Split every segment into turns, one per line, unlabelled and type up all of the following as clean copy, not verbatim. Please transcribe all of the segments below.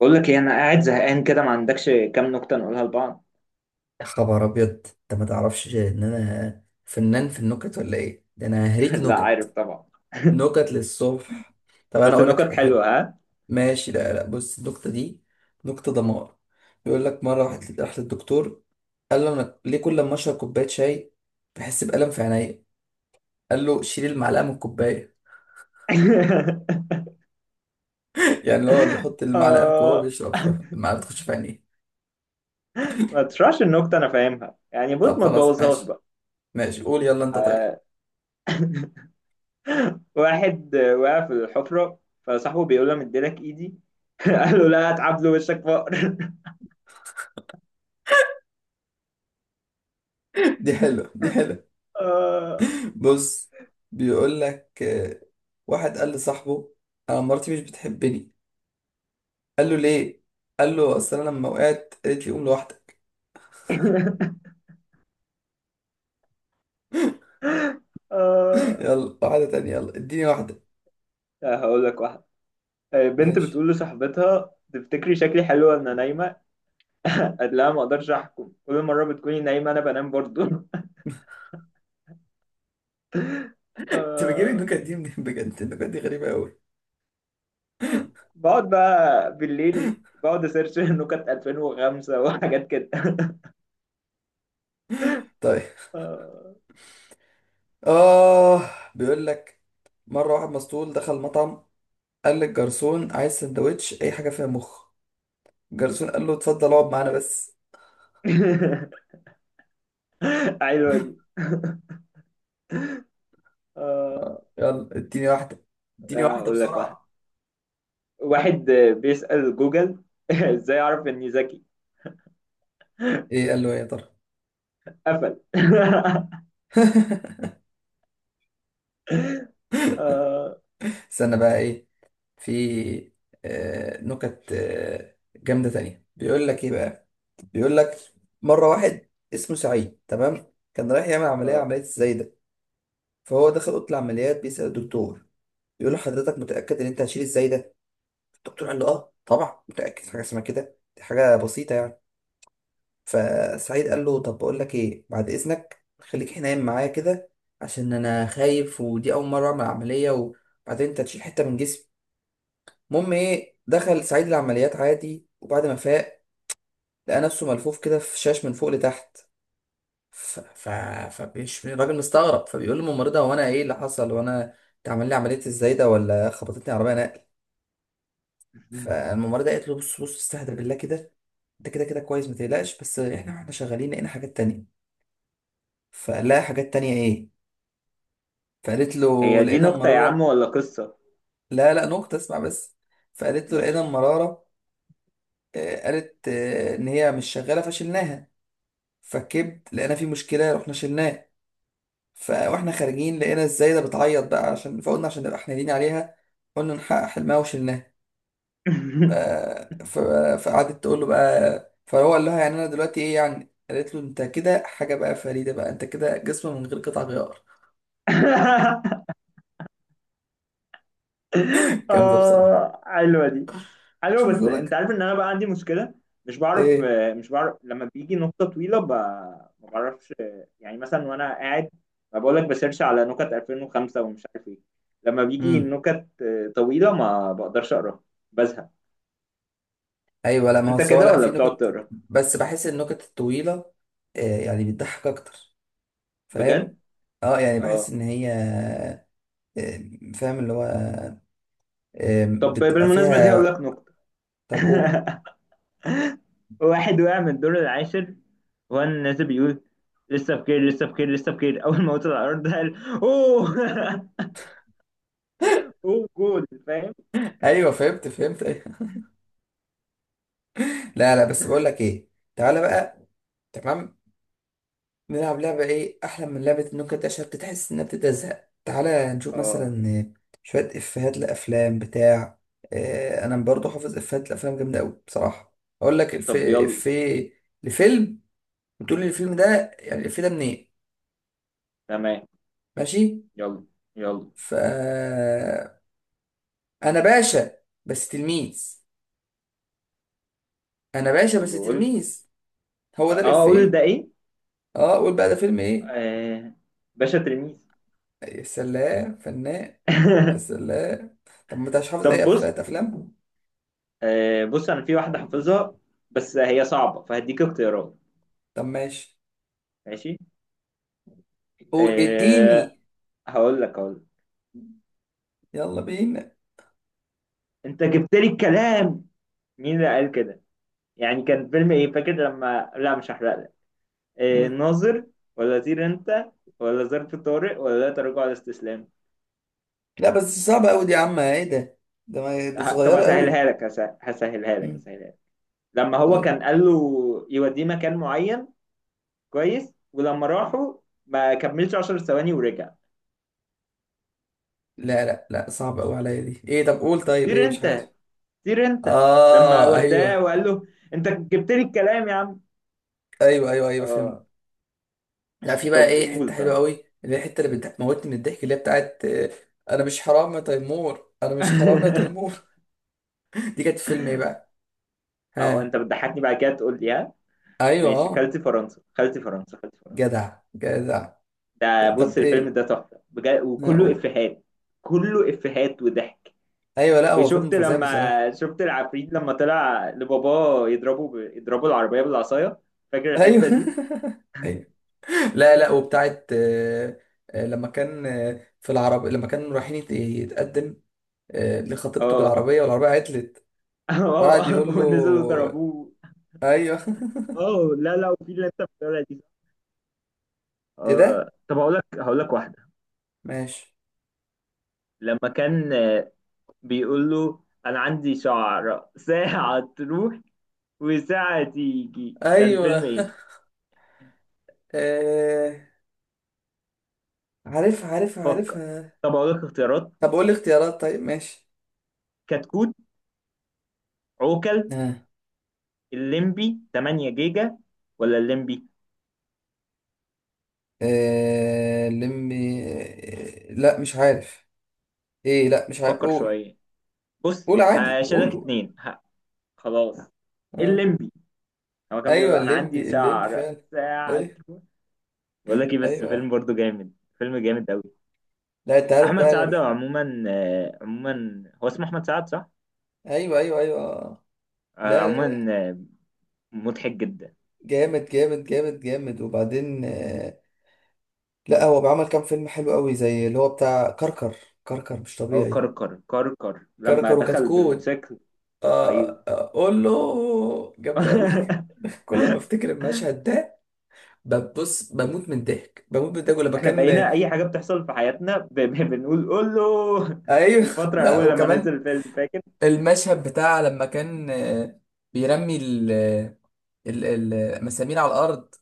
بقول لك ايه، انا قاعد زهقان كده. ما عندكش كام نكته نقولها لبعض؟
يا خبر ابيض، انت ما تعرفش ان انا فنان في النكت ولا ايه؟ ده انا هريك
لا، عارف
نكت،
طبعا.
نكت للصبح. طب انا
بس
اقول لك
نكت
حاجه حلوه.
حلوه، ها؟
ماشي لا، بص النكته دي، نكته دمار. بيقول لك مره واحد راح للدكتور، قال له انا ليه كل ما اشرب كوبايه شاي بحس بالم في عينيا؟ قال له شيل المعلقه من الكوبايه. يعني اللي هو بيحط المعلقه في جوه
آه.
وبيشرب، فالمعلقه تخش في عينيه.
ما تشرحش النكته، انا فاهمها يعني. بص،
طب
ما
خلاص
تبوظهاش
ماشي،
بقى.
ماشي قول يلا انت طيب.
آه. واحد وقع في الحفره، فصاحبه بيقول له: مديلك ايدي. قال له: لا، هتعب له وشك فقر.
دي حلوه، دي حلوه.
آه.
بص، بيقول لك واحد قال لصاحبه انا مراتي مش بتحبني. قال له ليه؟ قال له اصل انا لما وقعت قالت لي قوم لوحدك.
آه.
يلا واحده تانية، يلا اديني واحده.
هقول لك واحد. بنت
ماشي،
بتقول لصاحبتها: تفتكري شكلي حلو وانا نايمه؟ قال: لا، ما اقدرش احكم، كل مره بتكوني نايمه انا بنام برضو.
انت بتجيب
آه.
النكت دي منين؟ بجد النكت دي غريبه قوي.
بقعد بقى بالليل، بقعد اسيرش نكت 2005 وحاجات كده.
طيب.
آه.
اه بيقول لك مره واحد مسطول دخل مطعم، قال للجرسون عايز سندوتش اي حاجه فيها مخ. الجرسون قال له اتفضل اقعد معانا بس.
حلوه دي. آه.
يلا اديني واحده، اديني واحده
اقول لك
بسرعه.
واحد بيسأل جوجل: ازاي اعرف اني ذكي؟
ايه قال له ايه يا ترى؟
قفل. آه.
استنى بقى ايه، في نكت جامدة تانية. بيقول لك ايه بقى، بيقول لك مرة واحد اسمه سعيد تمام كان رايح يعمل عملية،
آه.
عملية الزايدة. فهو دخل أوضة العمليات بيسأل الدكتور، بيقول له حضرتك متأكد إن أنت هتشيل الزايدة؟ الدكتور قال له آه طبعا متأكد، حاجة اسمها كده دي حاجة بسيطة يعني. فسعيد قال له طب بقول لك ايه، بعد إذنك خليك هنا نايم معايا كده عشان أنا خايف، ودي أول مرة أعمل عملية، وبعدين أنت هتشيل حتة من جسمي. المهم ايه، دخل سعيد العمليات عادي، وبعد ما فاق لقى نفسه ملفوف كده في شاش من فوق لتحت. ف... ف... فبيش الراجل مستغرب، فبيقول للممرضة هو انا ايه اللي حصل؟ وانا اتعمل لي عملية ازاي ده ولا خبطتني عربية نقل؟ فالممرضة قالت له بص استهدى بالله كده، انت كده كده كويس ما تقلقش، بس احنا واحنا شغالين لقينا حاجات تانية. فقال لها حاجات تانية ايه؟ فقالت له
هي دي
لقينا
نكتة يا عم
المرارة.
ولا قصة؟
لا نقطة اسمع بس. فقالت له لقينا
ماشي.
المرارة، قالت ان هي مش شغالة فشلناها، فكبت لقينا في مشكله رحنا شلناه. فاحنا خارجين لقينا الزايده بتعيط بقى، عشان فقلنا عشان نبقى حنينين عليها قلنا نحقق حلمها وشلناه. ف- ف- فقعدت تقول له بقى، فهو قال لها يعني انا دلوقتي ايه يعني؟ قالت له انت كده حاجه بقى فريده بقى، انت كده جسم من غير قطع غيار. جامده بصراحه.
اه، حلوة دي. حلو،
شوف مش
بس انت
بقولك
عارف ان انا بقى عندي مشكله. مش بعرف.
ايه.
مش بعرف لما بيجي نقطه طويله ما بعرفش. يعني مثلا وانا قاعد، ما بقول لك بسيرش على نكت 2005 ومش عارف ايه. لما بيجي
امم
نكت طويله ما بقدرش اقراها. بزهق.
ايوه، لا ما هو
انت
سواء،
كده،
لا في
ولا بتقعد
نكت
تقرا؟
بس بحس النكت الطويله يعني بتضحك اكتر، فاهم.
بجد.
اه يعني بحس
اه.
ان هي فاهم اللي هو
طب
بتبقى
بالمناسبه دي هقول
فيها.
لك نكته.
طب قول.
واحد وقع من الدور العاشر وهو الناس بيقول: لسه بخير، لسه بخير، لسه بخير. اول ما وصل على الارض قال: اوه. اوه، جول فاهم.
ايوه فهمت، فهمت، أيوة. لا لا بس بقول لك ايه، تعالى بقى. تمام، نلعب لعبه، ايه احلى من لعبه إن ممكن تشرب تحس انها بتبدا تزهق؟ تعالى نشوف
اه.
مثلا شويه افيهات لافلام بتاع انا برضو حافظ افيهات لافلام جامده قوي بصراحه. اقول لك الف،
طب يلا.
في لفيلم، وتقول لي الفيلم ده يعني الفيلم ده منين.
تمام.
ماشي.
يلا، يلا.
ف انا باشا بس تلميذ، انا باشا
طب
بس
قول.
تلميذ. هو ده
اه، اقول
الافيه.
ده ايه؟
اه قول بقى ده فيلم ايه.
آه. باشا تلميذ.
يا سلام فنان، يا سلام. طب ما انت مش حافظ
طب
اي
بص.
افات افلام؟
آه، بص انا في واحده حافظها، بس هي صعبه فهديك اختيارات.
طب ماشي.
ماشي.
قول
آه.
اديني.
هقول لك.
يلا بينا.
انت جبت لي الكلام. مين اللي قال كده؟ يعني كان فيلم ايه؟ فاكر لما، لا مش هحرق لك. آه،
مم.
ناظر؟ ولا طير انت؟ ولا ظرف طارق؟ ولا لا تراجع ولا استسلام؟
لا بس صعبة قوي دي يا عم، ايه ده؟ ده ما دي
طب
صغيرة
هسهلها
قوي.
لك، هسهلها لك،
مم.
هسهلها لك. لما هو
طيب.
كان قال له يوديه مكان معين، كويس، ولما راحوا ما كملش 10 ثواني ورجع.
لا صعبة قوي عليا دي، ايه؟ طب قول طيب،
طير
ايه مش
انت،
عارف.
طير انت. لما
اه
وداه
ايوه.
وقال له: انت جبت لي الكلام يا عم.
ايوه فهمت.
اه.
لا في بقى
طب
ايه حتة
قول
حلوة
طيب.
قوي، اللي هي الحتة اللي بتموتني من الضحك، اللي هي بتاعت انا مش حرام يا تيمور، انا مش حرام يا تيمور. دي كانت في فيلم ايه بقى؟
او،
ها؟
انت بتضحكني بعد كده تقول لي: ها؟
ايوه
ماشي.
اه.
خالتي فرنسا، خالتي فرنسا، خالتي فرنسا.
جدع جدع.
ده بص
طب
الفيلم
ايه؟
ده تحفة بجد، وكله
لا،
افيهات. كله افيهات وضحك.
ايوه لا هو فيلم
وشفت
فظيع بصراحه.
لما شفت العفريت لما طلع لباباه يضربه، يضربوا العربية بالعصاية. فاكر
ايوه.
الحتة دي؟
ايوه لا لا، وبتاعت لما كان في العربية لما كان رايحين يتقدم لخطيبته
اه.
بالعربية، والعربية عطلت. وقعد
اه،
يقول
ونزلوا
له
ضربوه.
ايوه.
اه. لا لا، وفي اللي انت بتقولها دي.
ايه
اه.
ده.
طب هقول لك، واحدة.
ماشي.
لما كان بيقول له: انا عندي شعر ساعة تروح وساعة تيجي. كان
ايوه.
فيلم ايه؟
آه، عارف عارف،
فكر.
عارفها.
طب هقول لك اختيارات:
طب قول لي اختيارات، طيب ماشي.
كتكوت، عوكل،
ها.
الليمبي 8 جيجا، ولا الليمبي؟
آه، لمي آه، لا مش عارف، ايه لا مش عارف
فكر
قول.
شوية. بص
قول عادي
هشيلك
قول قول.
اتنين. خلاص.
اه
الليمبي. هو كان بيقول:
ايوه،
انا عندي
الليمبي، الليمبي
شعر
فعلا.
ساعة.
ايوه.
بقول لك ايه، بس فيلم
ايوه
برضو جامد. فيلم جامد قوي.
لا انت عارف
احمد
بقى أنا
سعد
بقى-
عموما، هو اسمه احمد سعد صح؟
ايوه ايوه ايوه.
آه،
لا لا
عموما
لا،
آه، مضحك جدا.
جامد وبعدين لا هو بعمل كام فيلم حلو قوي زي اللي هو بتاع كركر، كركر مش
هو
طبيعي.
كركر، كركر لما
كركر
دخل
وكتكوت.
بالموتوسيكل.
اه
ايوه.
قول له جامد قوي. كل ما افتكر المشهد ده ببص بموت من الضحك، بموت من الضحك ولما
احنا
كان
بقينا اي حاجه بتحصل في حياتنا بنقول: قول له.
ايوه.
الفتره
لا
اول لما
وكمان
نزل الفيلم فاكر.
المشهد بتاع لما كان بيرمي ال آه، ال- ال- المسامير على الأرض،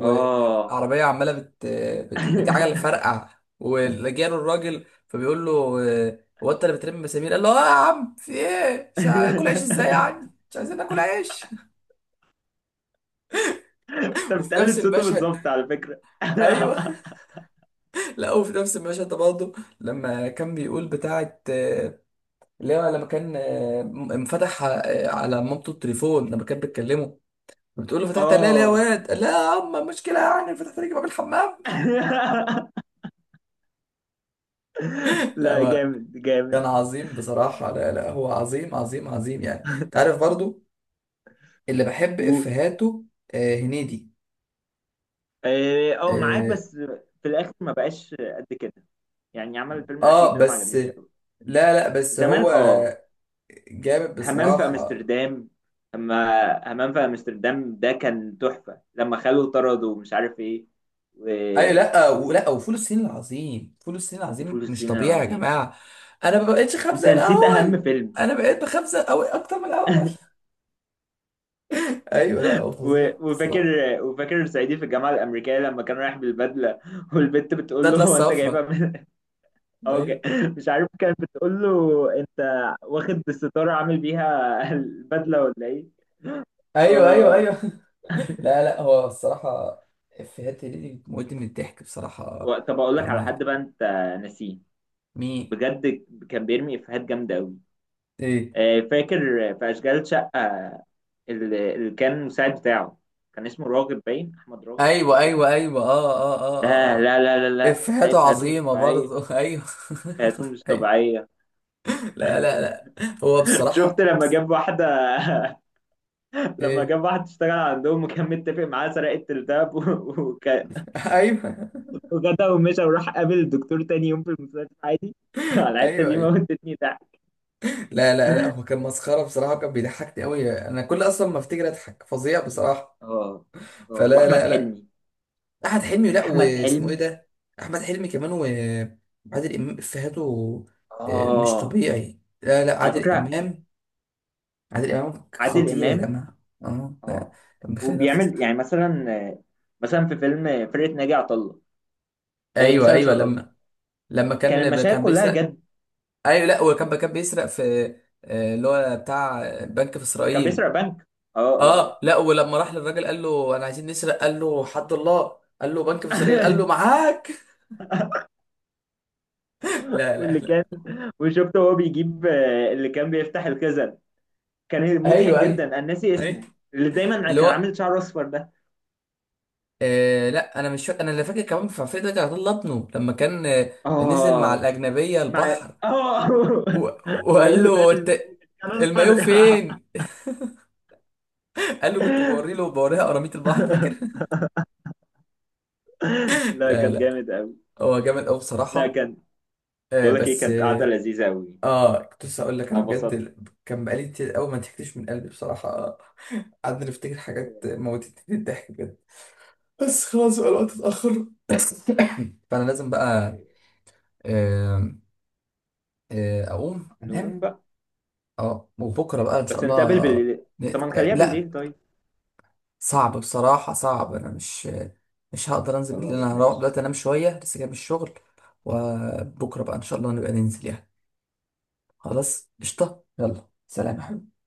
اه.
عمالة عجلة فرقع. ولجاله الراجل فبيقول له هو أنت اللي بترمي مسامير؟ قال له آه يا عم في إيه؟ مش هاكل عيش إزاي يعني؟ مش عايزين ناكل عيش.
انت
وفي نفس
بتقلد صوته
المشهد
بالظبط
ده
على فكرة.
أيوه. لا وفي نفس المشهد ده برضه، لما كان بيقول بتاعة اللي هو لما كان انفتح على مامته التليفون لما كان بيتكلموا، بتقول له فتحت عليها ليه يا
اه.
واد؟ قال لا يا عم مشكلة يعني، فتحت عليك باب الحمام. لا
لا،
هو
جامد جامد.
كان عظيم بصراحة. لا لا هو عظيم يعني، انت عارف برضو اللي بحب
قول.
افهاته آه هنيدي.
اه، معاك
آه,
بس. في الاخر ما بقاش قد كده. يعني عمل الفيلم الاخير
اه
ده ما
بس
عجبنيش قوي.
لا لا بس
زمان
هو
اه.
جامد
همام في
بصراحة.
امستردام. اما همام في امستردام ده كان تحفة لما خلوه طرد ومش عارف ايه.
ايوه
و-
لا ولا، وفول الصين العظيم، فول الصين العظيم
وفول
مش
الصين
طبيعي يا
العظيم.
جماعة. انا ما بقتش خبزة
انت
زي
نسيت اهم
الاول،
فيلم.
انا بقيت بخبزة أوي اكتر من الاول. ايوه لا هو فظيع
وفاكر،
بصراحة.
وفاكر صعيدي في الجامعه الامريكيه لما كان رايح بالبدله. والبت بتقول له:
بدلة
هو انت جايبها
الصفرا.
من؟ او.
ايوه
مش عارف، كانت بتقول له: انت واخد الستاره عامل بيها البدله ولا ايه؟
ايوه ايوه
آه.
ايوه لا لا هو الصراحه افيهات هنيدي موت من الضحك بصراحه.
طب اقول لك على
يعني
حد بقى انت ناسيه.
مي.
بجد كان بيرمي افيهات جامده قوي.
ايه.
آه، فاكر في اشغال شقه، اللي كان مساعد بتاعه، كان اسمه راغب، باين احمد راغب حاجه
ايوه
كده.
ايوه ايوه اه اه
ده،
اه اه
لا لا لا
اه
لا، ده
افيهاته
افيهاته مش
عظيمه
طبيعيه.
برضه. ايوه.
افيهاته مش
ايوه.
طبيعيه.
لا لا لا، هو
شفت
بصراحه
لما جاب واحدة؟ لما
ايه.
جاب واحد اشتغل عندهم وكان متفق معاه سرقة الدهب،
ايوه
وجدع ومشى، وراح قابل الدكتور تاني يوم في المستشفى عادي. على الحتة
ايوه
دي
ايوه
موتتني ضحك.
لا لا لا هو كان مسخره بصراحه، كان بيضحكني قوي انا، كل اصلا ما افتكر اضحك فظيع بصراحه.
اه اه.
فلا
واحمد
لا،
حلمي.
احمد حلمي. لا
احمد
واسمه ايه
حلمي.
ده؟ احمد حلمي كمان، وعادل امام افيهاته مش
اه،
طبيعي. لا لا
على
عادل
فكرة
امام، عادل امام
عادل
خطير يا
امام.
جماعه. اه لا،
اه،
كان بيخليني انفس.
وبيعمل يعني مثلا، في فيلم فرقة ناجي عطا الله،
ايوه ايوه
مسلسل قصدي،
لما، لما
كان
كان
المشاهد
كان
كلها
بيسرق.
جد.
ايوه لا هو كان كان بيسرق في اللي هو بتاع بنك في
كان
اسرائيل.
بيسرق بنك. اه اه
اه لا ولما راح للراجل قال له انا عايزين نسرق، قال له حد الله، قال له بنك في اسرائيل، قال
اه.
له معاك. لا لا
واللي
لا.
كان وشفته وهو بيجيب اللي كان بيفتح الخزن، كان مضحك
ايوه
جدا
ايوه
انا ناسي
ايوه،
اسمه. اللي دايما
اللي
كان
هو
عامل شعر اصفر ده.
آه لا انا مش فاكر، انا اللي فاكر كمان في عفريت رجع طلع ابنه لما كان نزل مع
اه.
الاجنبيه
مع.
البحر
اه.
و...
هو ايه
وقال
اللي غير
له انت
المليون كان اصفر؟
المايو فين؟ قال له كنت بوري له بوريها قراميط البحر، فاكر؟
لا
لا
كان
لا
جامد قوي.
هو جامد قوي
لا
بصراحه.
كان.
آه
بقول لك ايه،
بس
كانت قعده
اه
لذيذه قوي.
كنت لسه اقول لك
انا
انا بجد
انبسطت.
ال- كان بقالي كتير قوي ما ضحكتش من قلبي بصراحه. قعدنا نفتكر حاجات موتتني الضحك بجد، بس خلاص بقى الوقت اتاخر. فانا لازم بقى آه، اقوم
نقوم
انام.
بقى.
اه وبكره بقى ان شاء
بس نتقابل
الله.
بالليل. طب ما
نت... آه،
نخليها
لا
بالليل طيب.
صعب بصراحه صعب، انا مش، مش هقدر انزل بالليل،
خلاص،
انا هروح
ماشي.
دلوقتي انام شويه لسه جاي من الشغل. وبكره بقى ان شاء الله نبقى ننزل يعني. خلاص قشطه، يلا سلام يا حبيبي.